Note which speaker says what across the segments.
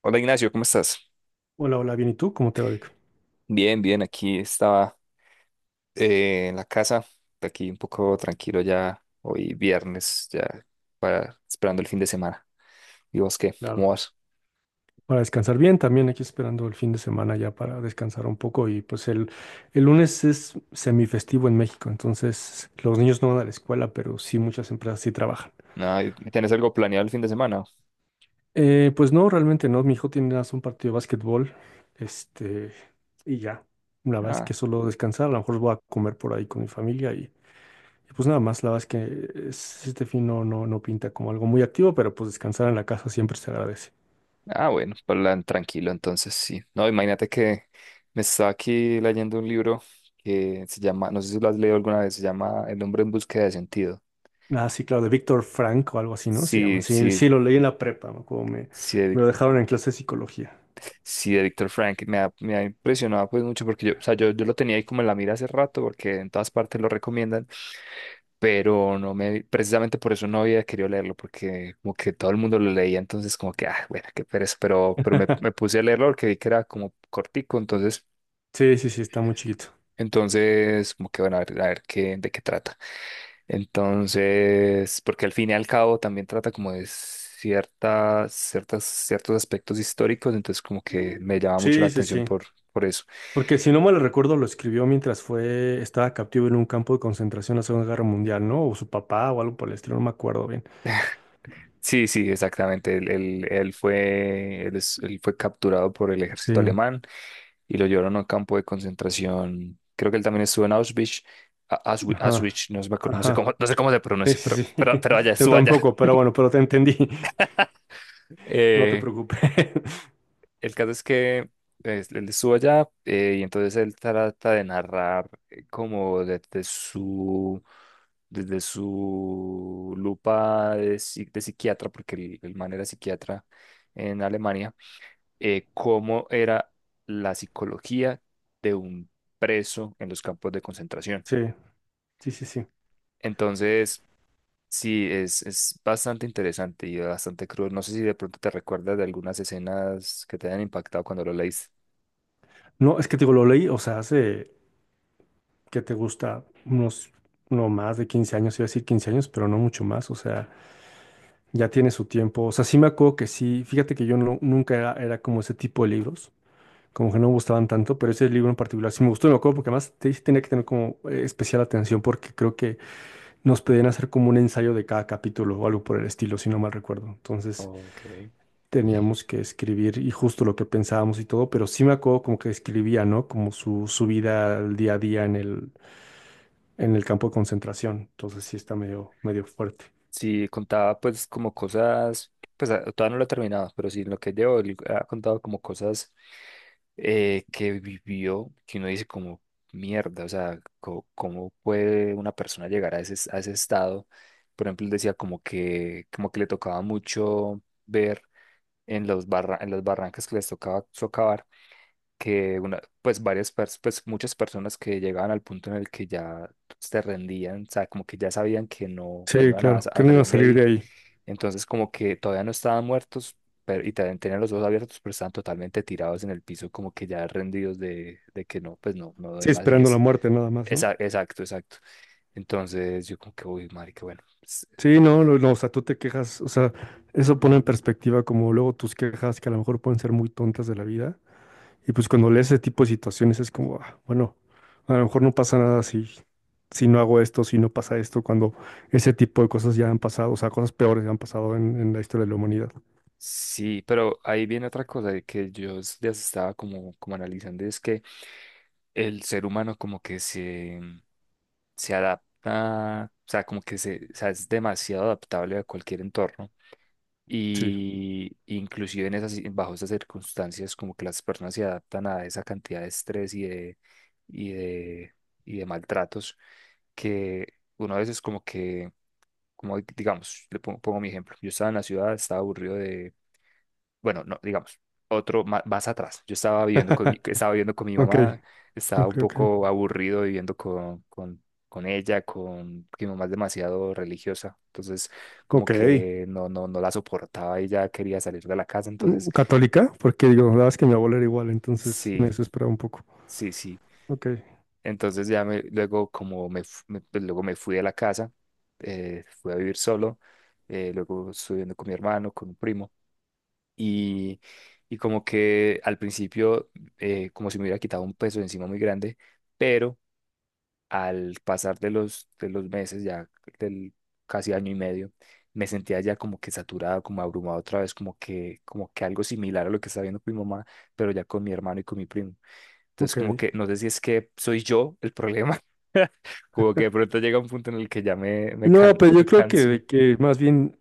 Speaker 1: Hola Ignacio, ¿cómo estás?
Speaker 2: Hola, hola, bien. ¿Y tú? ¿Cómo te va, Vic?
Speaker 1: Bien, bien, aquí estaba en la casa, aquí un poco tranquilo ya, hoy viernes, ya para esperando el fin de semana. ¿Y vos qué? ¿Cómo
Speaker 2: Claro.
Speaker 1: vas?
Speaker 2: Para descansar bien, también aquí esperando el fin de semana ya para descansar un poco. Y pues el lunes es semifestivo en México, entonces los niños no van a la escuela, pero sí muchas empresas sí trabajan.
Speaker 1: Ah, ¿tenés algo planeado el fin de semana?
Speaker 2: Pues no, realmente no. Mi hijo tiene nada más un partido de básquetbol, este, y ya. La verdad es
Speaker 1: Ah,
Speaker 2: que solo descansar, a lo mejor voy a comer por ahí con mi familia y pues nada más. La verdad es que este fin no pinta como algo muy activo, pero pues descansar en la casa siempre se agradece.
Speaker 1: ah, bueno, plan tranquilo entonces, sí. No, imagínate que me estaba aquí leyendo un libro que se llama, no sé si lo has leído alguna vez, se llama El hombre en búsqueda de sentido.
Speaker 2: Ah, sí, claro, de Víctor Frank o algo así, ¿no? Se llama.
Speaker 1: Sí,
Speaker 2: Sí, sí,
Speaker 1: sí,
Speaker 2: lo leí en la prepa, ¿no?, como me,
Speaker 1: sí,
Speaker 2: me lo dejaron en clase de psicología.
Speaker 1: Sí, de Víctor Frank me ha impresionado pues mucho porque yo, o sea, yo lo tenía ahí como en la mira hace rato porque en todas partes lo recomiendan, pero no me, precisamente por eso no había querido leerlo porque como que todo el mundo lo leía, entonces como que, ah, bueno, qué pereza, pero me puse a leerlo porque vi que era como cortico, entonces,
Speaker 2: Sí, sí, sí, está muy chiquito.
Speaker 1: entonces como que bueno, a ver, de qué trata. Entonces, porque al fin y al cabo también trata como de ciertos aspectos históricos, entonces como que me llama mucho la
Speaker 2: Sí, sí,
Speaker 1: atención
Speaker 2: sí.
Speaker 1: por eso.
Speaker 2: Porque si no mal recuerdo, lo escribió mientras fue, estaba captivo en un campo de concentración en la Segunda Guerra Mundial, ¿no? O su papá o algo por el estilo, no me acuerdo bien.
Speaker 1: Sí, sí, exactamente. Él fue capturado por el ejército
Speaker 2: Sí,
Speaker 1: alemán y lo llevaron a un campo de concentración. Creo que él también estuvo en Auschwitz.
Speaker 2: ajá,
Speaker 1: Auschwitz, no, no sé
Speaker 2: ajá.
Speaker 1: cómo, no sé cómo se
Speaker 2: Sí,
Speaker 1: pronuncia,
Speaker 2: sí, sí.
Speaker 1: pero allá,
Speaker 2: Yo
Speaker 1: estuvo allá.
Speaker 2: tampoco, pero bueno, pero te entendí. No te
Speaker 1: Eh,
Speaker 2: preocupes.
Speaker 1: el caso es que él estuvo allá y entonces él trata de narrar como desde su lupa de, de psiquiatra, porque el man era psiquiatra en Alemania, cómo era la psicología de un preso en los campos de concentración.
Speaker 2: Sí, sí, sí, sí.
Speaker 1: Entonces, sí, es bastante interesante y bastante cruel. No sé si de pronto te recuerdas de algunas escenas que te hayan impactado cuando lo leíste.
Speaker 2: No, es que te digo, lo leí, o sea, hace, ¿qué te gusta?, unos, no más de 15 años. Iba a decir 15 años, pero no mucho más, o sea, ya tiene su tiempo. O sea, sí me acuerdo que sí. Fíjate que yo no, nunca era como ese tipo de libros, como que no me gustaban tanto, pero ese libro en particular sí me gustó. Me acuerdo porque además tenía que tener como especial atención, porque creo que nos pedían hacer como un ensayo de cada capítulo o algo por el estilo, si no mal recuerdo. Entonces
Speaker 1: Ok.
Speaker 2: teníamos que escribir y justo lo que pensábamos y todo, pero sí me acuerdo como que escribía, ¿no? Como su su vida al día a día en el campo de concentración. Entonces sí está medio, medio fuerte.
Speaker 1: Sí, contaba pues como cosas, pues ah, todavía no lo he terminado, pero sí, en lo que llevo, él ha contado como cosas que vivió, que uno dice como mierda, o sea, ¿cómo puede una persona llegar a a ese estado? Por ejemplo, él decía como que le tocaba mucho ver en los en las barrancas que les tocaba socavar que una, pues muchas personas que llegaban al punto en el que ya se rendían, o sea, como que ya sabían que no
Speaker 2: Sí,
Speaker 1: iban a
Speaker 2: claro, que no iba
Speaker 1: salir
Speaker 2: a
Speaker 1: de
Speaker 2: salir de
Speaker 1: ahí,
Speaker 2: ahí.
Speaker 1: entonces como que todavía no estaban muertos pero, y también tenían los ojos abiertos, pero estaban totalmente tirados en el piso, como que ya rendidos de que no, pues no doy
Speaker 2: Sí,
Speaker 1: más y
Speaker 2: esperando la
Speaker 1: es,
Speaker 2: muerte nada más, ¿no?
Speaker 1: esa- exacto, exacto. Entonces yo como que, uy, marica, bueno, pues,
Speaker 2: Sí, no, no, no, o sea, tú te quejas. O sea, eso pone en perspectiva como luego tus quejas, que a lo mejor pueden ser muy tontas de la vida. Y pues cuando lees ese tipo de situaciones es como, ah, bueno, a lo mejor no pasa nada si si no hago esto, si no pasa esto, cuando ese tipo de cosas ya han pasado. O sea, cosas peores ya han pasado en la historia de la humanidad.
Speaker 1: sí, pero ahí viene otra cosa de que ya estaba como, como analizando, y es que el ser humano como que se adapta, o sea, o sea, es demasiado adaptable a cualquier entorno.
Speaker 2: Sí.
Speaker 1: Y inclusive bajo esas circunstancias, como que las personas se adaptan a esa cantidad de estrés y de, y de maltratos que uno a veces como que, como digamos, pongo mi ejemplo, yo estaba en la ciudad, estaba aburrido de bueno, no, digamos, más, atrás. Yo estaba estaba viviendo con mi
Speaker 2: Ok,
Speaker 1: mamá, estaba un
Speaker 2: ok, ok.
Speaker 1: poco aburrido viviendo con ella, con que mi mamá es demasiado religiosa, entonces como
Speaker 2: Ok.
Speaker 1: que no la soportaba y ya quería salir de la casa, entonces
Speaker 2: Católica, porque digo, la verdad es que mi abuela era igual, entonces me
Speaker 1: sí,
Speaker 2: desesperaba un poco.
Speaker 1: sí, sí.
Speaker 2: Ok,
Speaker 1: Entonces ya me, luego como me, fu- me- pues, luego me fui de la casa, fui a vivir solo, luego estuve viviendo con mi hermano, con un primo. Y y como que al principio como si me hubiera quitado un peso de encima muy grande, pero al pasar de de los meses, ya del casi año y medio, me sentía ya como que saturado, como abrumado otra vez, como que algo similar a lo que estaba viendo con mi mamá, pero ya con mi hermano y con mi primo. Entonces
Speaker 2: ok.
Speaker 1: como que no sé si es que soy yo el problema. Como que de pronto llega un punto en el que
Speaker 2: No, pero yo
Speaker 1: me
Speaker 2: creo que,
Speaker 1: canso.
Speaker 2: de que más bien,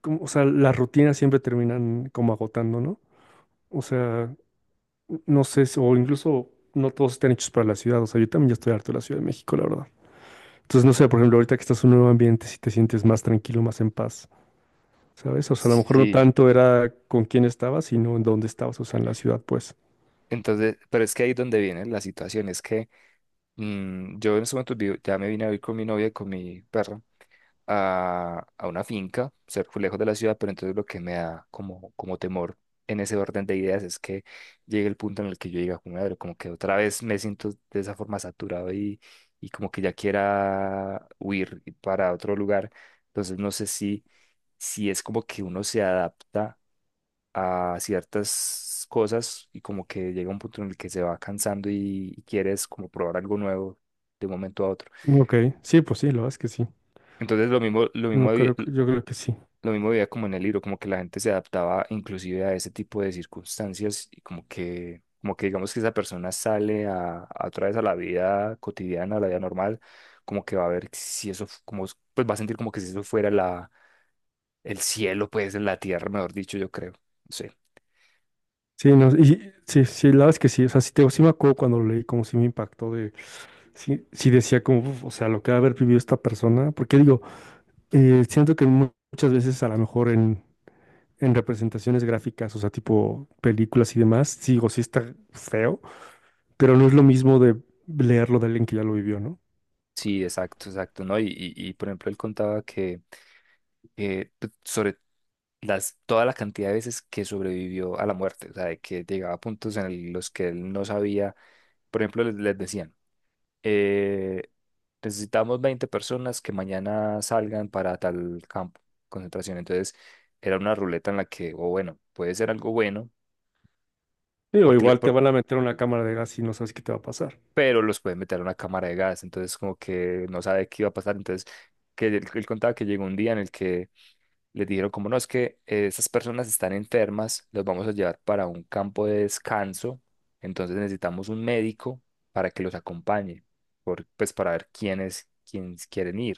Speaker 2: o sea, las rutinas siempre terminan como agotando, ¿no? O sea, no sé, o incluso no todos están hechos para la ciudad. O sea, yo también ya estoy harto de la Ciudad de México, la verdad. Entonces, no sé, por ejemplo, ahorita que estás en un nuevo ambiente, si te sientes más tranquilo, más en paz, ¿sabes? O sea, a lo mejor no
Speaker 1: Sí,
Speaker 2: tanto era con quién estabas, sino en dónde estabas, o sea, en la ciudad, pues.
Speaker 1: entonces, pero es que ahí es donde viene la situación, es que yo en ese momento ya me vine a vivir con mi novia y con mi perra a una finca, cerca, lejos de la ciudad, pero entonces lo que me da como temor en ese orden de ideas es que llegue el punto en el que yo diga, como, madre, como que otra vez me siento de esa forma saturado y como que ya quiera huir para otro lugar. Entonces no sé si, si es como que uno se adapta a ciertas cosas y como que llega un punto en el que se va cansando y quieres como probar algo nuevo de un momento a otro.
Speaker 2: Ok, sí, pues sí, la verdad es que sí.
Speaker 1: Entonces
Speaker 2: No creo que, yo creo que sí.
Speaker 1: lo mismo veía como en el libro, como que la gente se adaptaba inclusive a ese tipo de circunstancias y como que digamos que esa persona sale a otra vez a la vida cotidiana, a la vida normal, como que va a ver si eso, fu- como, pues va a sentir como que si eso fuera el cielo, pues en la tierra, mejor dicho, yo creo. Sí.
Speaker 2: Sí, no, y sí, sí, la verdad es que sí. O sea, sí, sí me acuerdo cuando lo leí, como sí me impactó de, sí, sí decía como: "Uf, o sea, lo que ha de haber vivido esta persona". Porque digo, siento que muchas veces a lo mejor en, representaciones gráficas, o sea, tipo películas y demás, sí, digo, sí está feo, pero no es lo mismo de leerlo de alguien que ya lo vivió, ¿no?
Speaker 1: Sí, exacto, exacto, ¿no? Y, por ejemplo, él contaba que sobre las, toda la cantidad de veces que sobrevivió a la muerte, o sea, de que llegaba a puntos los que él no sabía, por ejemplo, les decían, eh, necesitamos 20 personas que mañana salgan para tal campo, de concentración, entonces era una ruleta en la que, o bueno, puede ser algo bueno,
Speaker 2: Digo,
Speaker 1: porque le-
Speaker 2: igual te
Speaker 1: por-
Speaker 2: van a meter una cámara de gas y no sabes qué te va a pasar.
Speaker 1: pero los pueden meter a una cámara de gas, entonces como que no sabe qué iba a pasar, entonces que él contaba que llegó un día en el que les dijeron, como no, es que estas personas están enfermas, los vamos a llevar para un campo de descanso, entonces necesitamos un médico para que los acompañe, pues para ver quiénes quieren ir.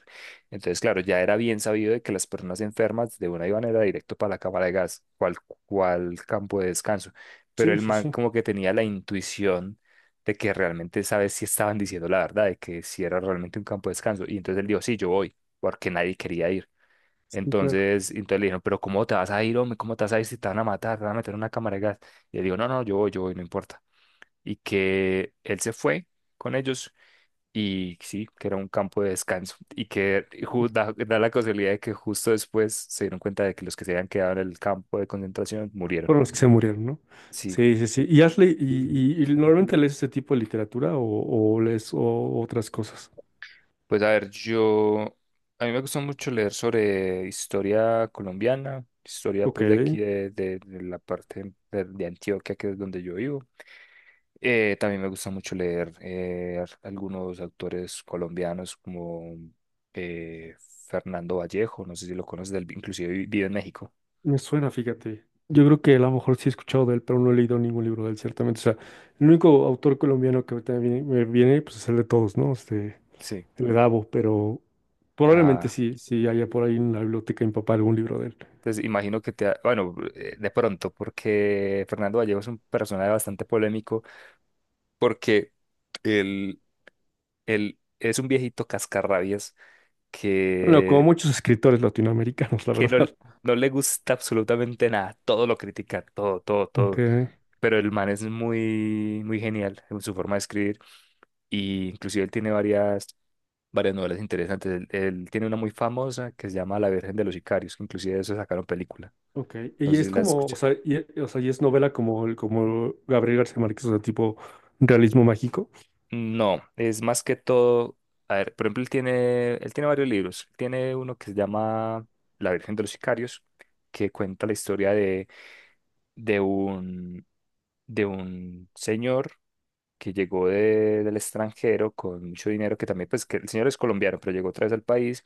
Speaker 1: Entonces, claro, ya era bien sabido de que las personas enfermas de una iban era directo para la cámara de gas, cual campo de descanso, pero
Speaker 2: Sí,
Speaker 1: el
Speaker 2: sí,
Speaker 1: man
Speaker 2: sí,
Speaker 1: como que tenía la intuición de que realmente sabes si estaban diciendo la verdad, de que si era realmente un campo de descanso, y entonces él dijo, sí, yo voy, porque nadie quería ir.
Speaker 2: sí, claro.
Speaker 1: Entonces le dijeron, pero ¿cómo te vas a ir, hombre? ¿Cómo te vas a ir si te van a matar? Te van a meter en una cámara de gas. Y él dijo, no, no, yo voy, no importa. Y que él se fue con ellos y sí, que era un campo de descanso. Y que da la casualidad de que justo después se dieron cuenta de que los que se habían quedado en el campo de concentración murieron.
Speaker 2: Por los que se murieron, ¿no?
Speaker 1: Sí.
Speaker 2: Sí, sí, sí. ¿Y has le- y normalmente lees ese tipo de literatura, o lees otras cosas?
Speaker 1: Pues a ver, yo, a mí me gusta mucho leer sobre historia colombiana, historia
Speaker 2: Ok,
Speaker 1: pues de aquí de la parte de Antioquia, que es donde yo vivo. También me gusta mucho leer algunos autores colombianos como eh, Fernando Vallejo, no sé si lo conoces, él vi- inclusive vi- vive en México.
Speaker 2: me suena, fíjate. Yo creo que a lo mejor sí he escuchado de él, pero no he leído ningún libro de él, ciertamente. O sea, el único autor colombiano que ahorita me viene, pues es el de todos, ¿no?
Speaker 1: Sí.
Speaker 2: El de Dabo, pero probablemente
Speaker 1: Ah,
Speaker 2: sí, sí haya por ahí en la biblioteca de mi papá algún libro de él.
Speaker 1: pues imagino que bueno, de pronto, porque Fernando Vallejo es un personaje bastante polémico, porque... él él es un viejito cascarrabias
Speaker 2: Bueno, como
Speaker 1: que,
Speaker 2: muchos escritores latinoamericanos, la
Speaker 1: que no,
Speaker 2: verdad.
Speaker 1: no le gusta absolutamente nada. Todo lo critica,
Speaker 2: Ok.
Speaker 1: todo. Pero el man es muy genial en su forma de escribir. Y inclusive varias novelas interesantes. Él tiene una muy famosa que se llama La Virgen de los Sicarios, que inclusive de eso sacaron película.
Speaker 2: Ok,
Speaker 1: No
Speaker 2: y
Speaker 1: sé si
Speaker 2: es
Speaker 1: la
Speaker 2: como,
Speaker 1: escucha.
Speaker 2: o sea, y es novela como, como Gabriel García Márquez, o sea, tipo realismo mágico.
Speaker 1: No, es más que todo. A ver, por ejemplo, él tiene varios libros. Tiene uno que se llama La Virgen de los Sicarios, que cuenta la historia de un, de un señor que llegó del extranjero con mucho dinero, que también, pues, que el señor es colombiano, pero llegó otra vez al país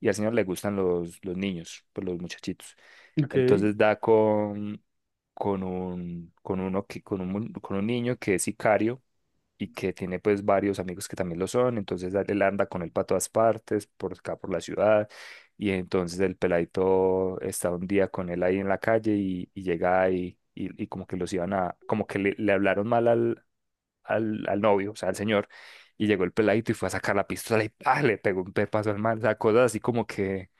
Speaker 1: y al señor le gustan los niños, pues los muchachitos.
Speaker 2: Ok,
Speaker 1: Entonces da con un, con uno que, con un, mu- con un niño que es sicario y que tiene pues varios amigos que también lo son, entonces él anda con él para todas partes, por acá por la ciudad, y entonces el peladito está un día con él ahí en la calle y llega y como que los iban a, como que le hablaron mal al novio, o sea, al señor, y llegó el peladito y fue a sacar la pistola y ¡pah! Le pegó un pepazo al mal, o sea, cosas así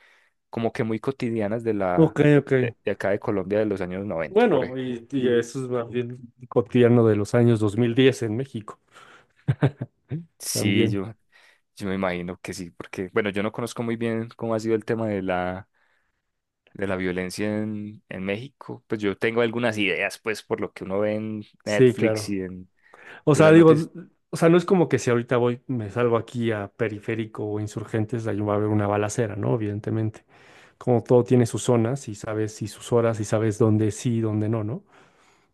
Speaker 1: como que muy cotidianas de la,
Speaker 2: ok, ok.
Speaker 1: de acá de Colombia de los años 90 por
Speaker 2: Bueno,
Speaker 1: ejemplo.
Speaker 2: y eso es más bien cotidiano de los años 2010 en México
Speaker 1: Sí,
Speaker 2: también.
Speaker 1: yo, Yo me imagino que sí, porque, bueno, yo no conozco muy bien cómo ha sido el tema de de la violencia en México. Pues yo tengo algunas ideas, pues, por lo que uno ve en
Speaker 2: Sí,
Speaker 1: Netflix
Speaker 2: claro. O
Speaker 1: y en
Speaker 2: sea,
Speaker 1: las
Speaker 2: digo,
Speaker 1: noticias.
Speaker 2: o sea, no es como que si ahorita voy, me salgo aquí a Periférico o Insurgentes, ahí va a haber una balacera, ¿no? Evidentemente. Como todo tiene sus zonas y sabes, y sus horas, y sabes dónde sí y dónde no, ¿no?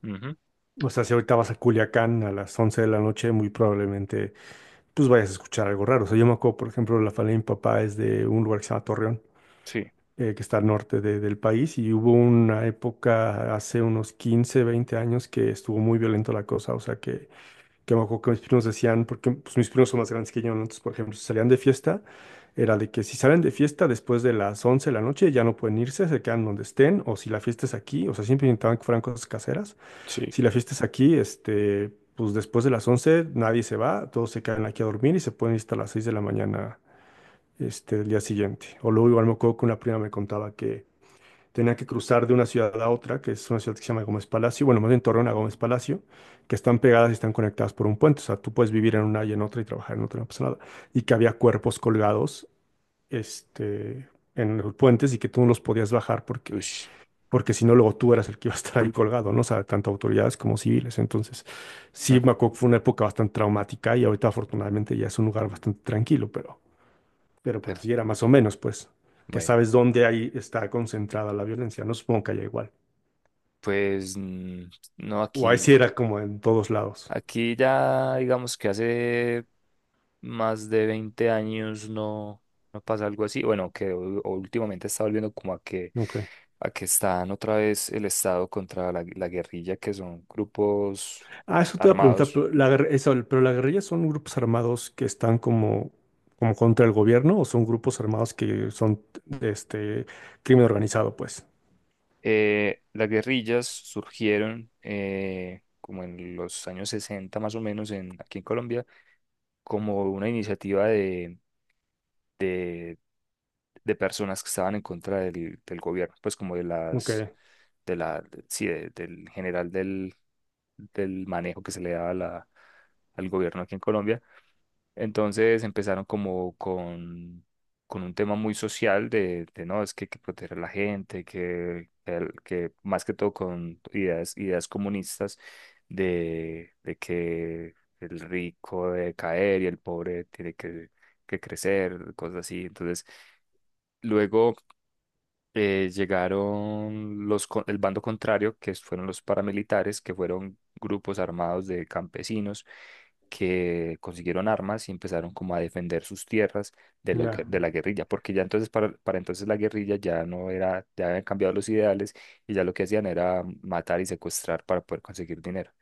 Speaker 1: Ujú.
Speaker 2: O sea, si ahorita vas a Culiacán a las 11 de la noche, muy probablemente pues vayas a escuchar algo raro. O sea, yo me acuerdo, por ejemplo, la familia de mi papá es de un lugar que se llama Torreón,
Speaker 1: Sí,
Speaker 2: que está al norte del país, y hubo una época hace unos 15, 20 años que estuvo muy violento la cosa. O sea, que me acuerdo que mis primos decían, porque pues mis primos son más grandes que yo, ¿no? Entonces, por ejemplo, si salían de fiesta, era de que si salen de fiesta después de las 11 de la noche ya no pueden irse, se quedan donde estén. O si la fiesta es aquí, o sea, siempre intentaban que fueran cosas caseras.
Speaker 1: sí.
Speaker 2: Si la fiesta es aquí, pues después de las 11 nadie se va, todos se quedan aquí a dormir y se pueden ir hasta las 6 de la mañana, del día siguiente. O luego igual me acuerdo que una prima me contaba que tenía que cruzar de una ciudad a otra, que es una ciudad que se llama Gómez Palacio. Bueno, más en Torreón a Gómez Palacio, que están pegadas y están conectadas por un puente. O sea, tú puedes vivir en una y en otra y trabajar en otra, no pasa nada. Y que había cuerpos colgados, este, en los puentes, y que tú no los podías bajar, porque
Speaker 1: Ush.
Speaker 2: porque si no, luego tú eras el que iba a estar ahí colgado, ¿no? O sea, tanto autoridades como civiles. Entonces,
Speaker 1: Mm.
Speaker 2: sí, me acuerdo que fue una época bastante traumática, y ahorita afortunadamente ya es un lugar bastante tranquilo, pero pues
Speaker 1: Pero,
Speaker 2: así era más o menos, pues, que
Speaker 1: bueno,
Speaker 2: sabes dónde ahí está concentrada la violencia, no supongo que haya igual.
Speaker 1: pues, mm, no,
Speaker 2: O ahí
Speaker 1: aquí
Speaker 2: sí era como en todos lados.
Speaker 1: aquí ya, digamos que hace más de 20 años no, no pasa algo así. Bueno, que últimamente está volviendo como
Speaker 2: Ok.
Speaker 1: a que están otra vez el Estado contra la guerrilla, que son grupos
Speaker 2: Ah, eso te iba a preguntar,
Speaker 1: armados.
Speaker 2: pero la guerrilla, ¿son grupos armados que están como como contra el gobierno, o son grupos armados que son este crimen organizado, pues?
Speaker 1: Las guerrillas surgieron como en los años 60 más o menos en, aquí en Colombia como una iniciativa de personas que estaban en contra del gobierno, pues como de
Speaker 2: Ok,
Speaker 1: las, de la, de- sí, de- del general del manejo que se le daba a al gobierno aquí en Colombia. Entonces empezaron como con un tema muy social no, es que hay que proteger a la gente, que más que todo con ideas, ideas comunistas de que el rico debe caer y el pobre tiene que crecer, cosas así. Entonces, luego llegaron los, el bando contrario, que fueron los paramilitares, que fueron grupos armados de campesinos que consiguieron armas y empezaron como a defender sus tierras
Speaker 2: ya.
Speaker 1: de la guerrilla, porque ya entonces para entonces la guerrilla ya no era, ya habían cambiado los ideales y ya lo que hacían era matar y secuestrar para poder conseguir dinero.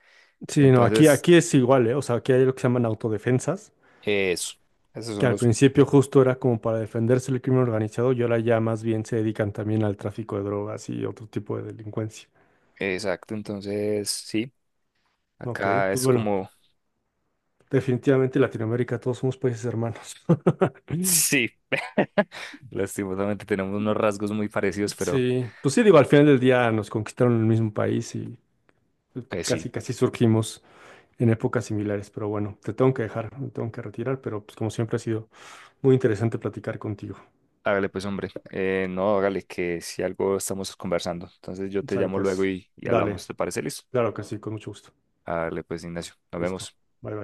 Speaker 2: Sí, no, aquí,
Speaker 1: Entonces,
Speaker 2: aquí es igual, ¿eh? O sea, aquí hay lo que se llaman autodefensas,
Speaker 1: eso, esos
Speaker 2: que
Speaker 1: son
Speaker 2: al
Speaker 1: los,
Speaker 2: principio justo era como para defenderse del crimen organizado, y ahora ya más bien se dedican también al tráfico de drogas y otro tipo de delincuencia.
Speaker 1: exacto, entonces sí,
Speaker 2: Ok,
Speaker 1: acá
Speaker 2: pues
Speaker 1: es
Speaker 2: bueno,
Speaker 1: como...
Speaker 2: definitivamente Latinoamérica, todos somos países hermanos.
Speaker 1: Sí, lastimosamente tenemos unos rasgos muy parecidos, pero
Speaker 2: Sí, pues sí, digo, al final del día nos conquistaron el mismo país y pues
Speaker 1: pues
Speaker 2: casi,
Speaker 1: sí,
Speaker 2: casi surgimos en épocas similares, pero bueno, te tengo que dejar, me tengo que retirar, pero pues como siempre, ha sido muy interesante platicar contigo.
Speaker 1: hágale pues hombre. No, hágale que si algo estamos conversando, entonces yo te
Speaker 2: Sale
Speaker 1: llamo luego
Speaker 2: pues,
Speaker 1: y
Speaker 2: dale,
Speaker 1: hablamos, ¿te parece listo?
Speaker 2: claro que sí, con mucho gusto.
Speaker 1: Hágale pues Ignacio, nos
Speaker 2: Listo,
Speaker 1: vemos.
Speaker 2: bye bye.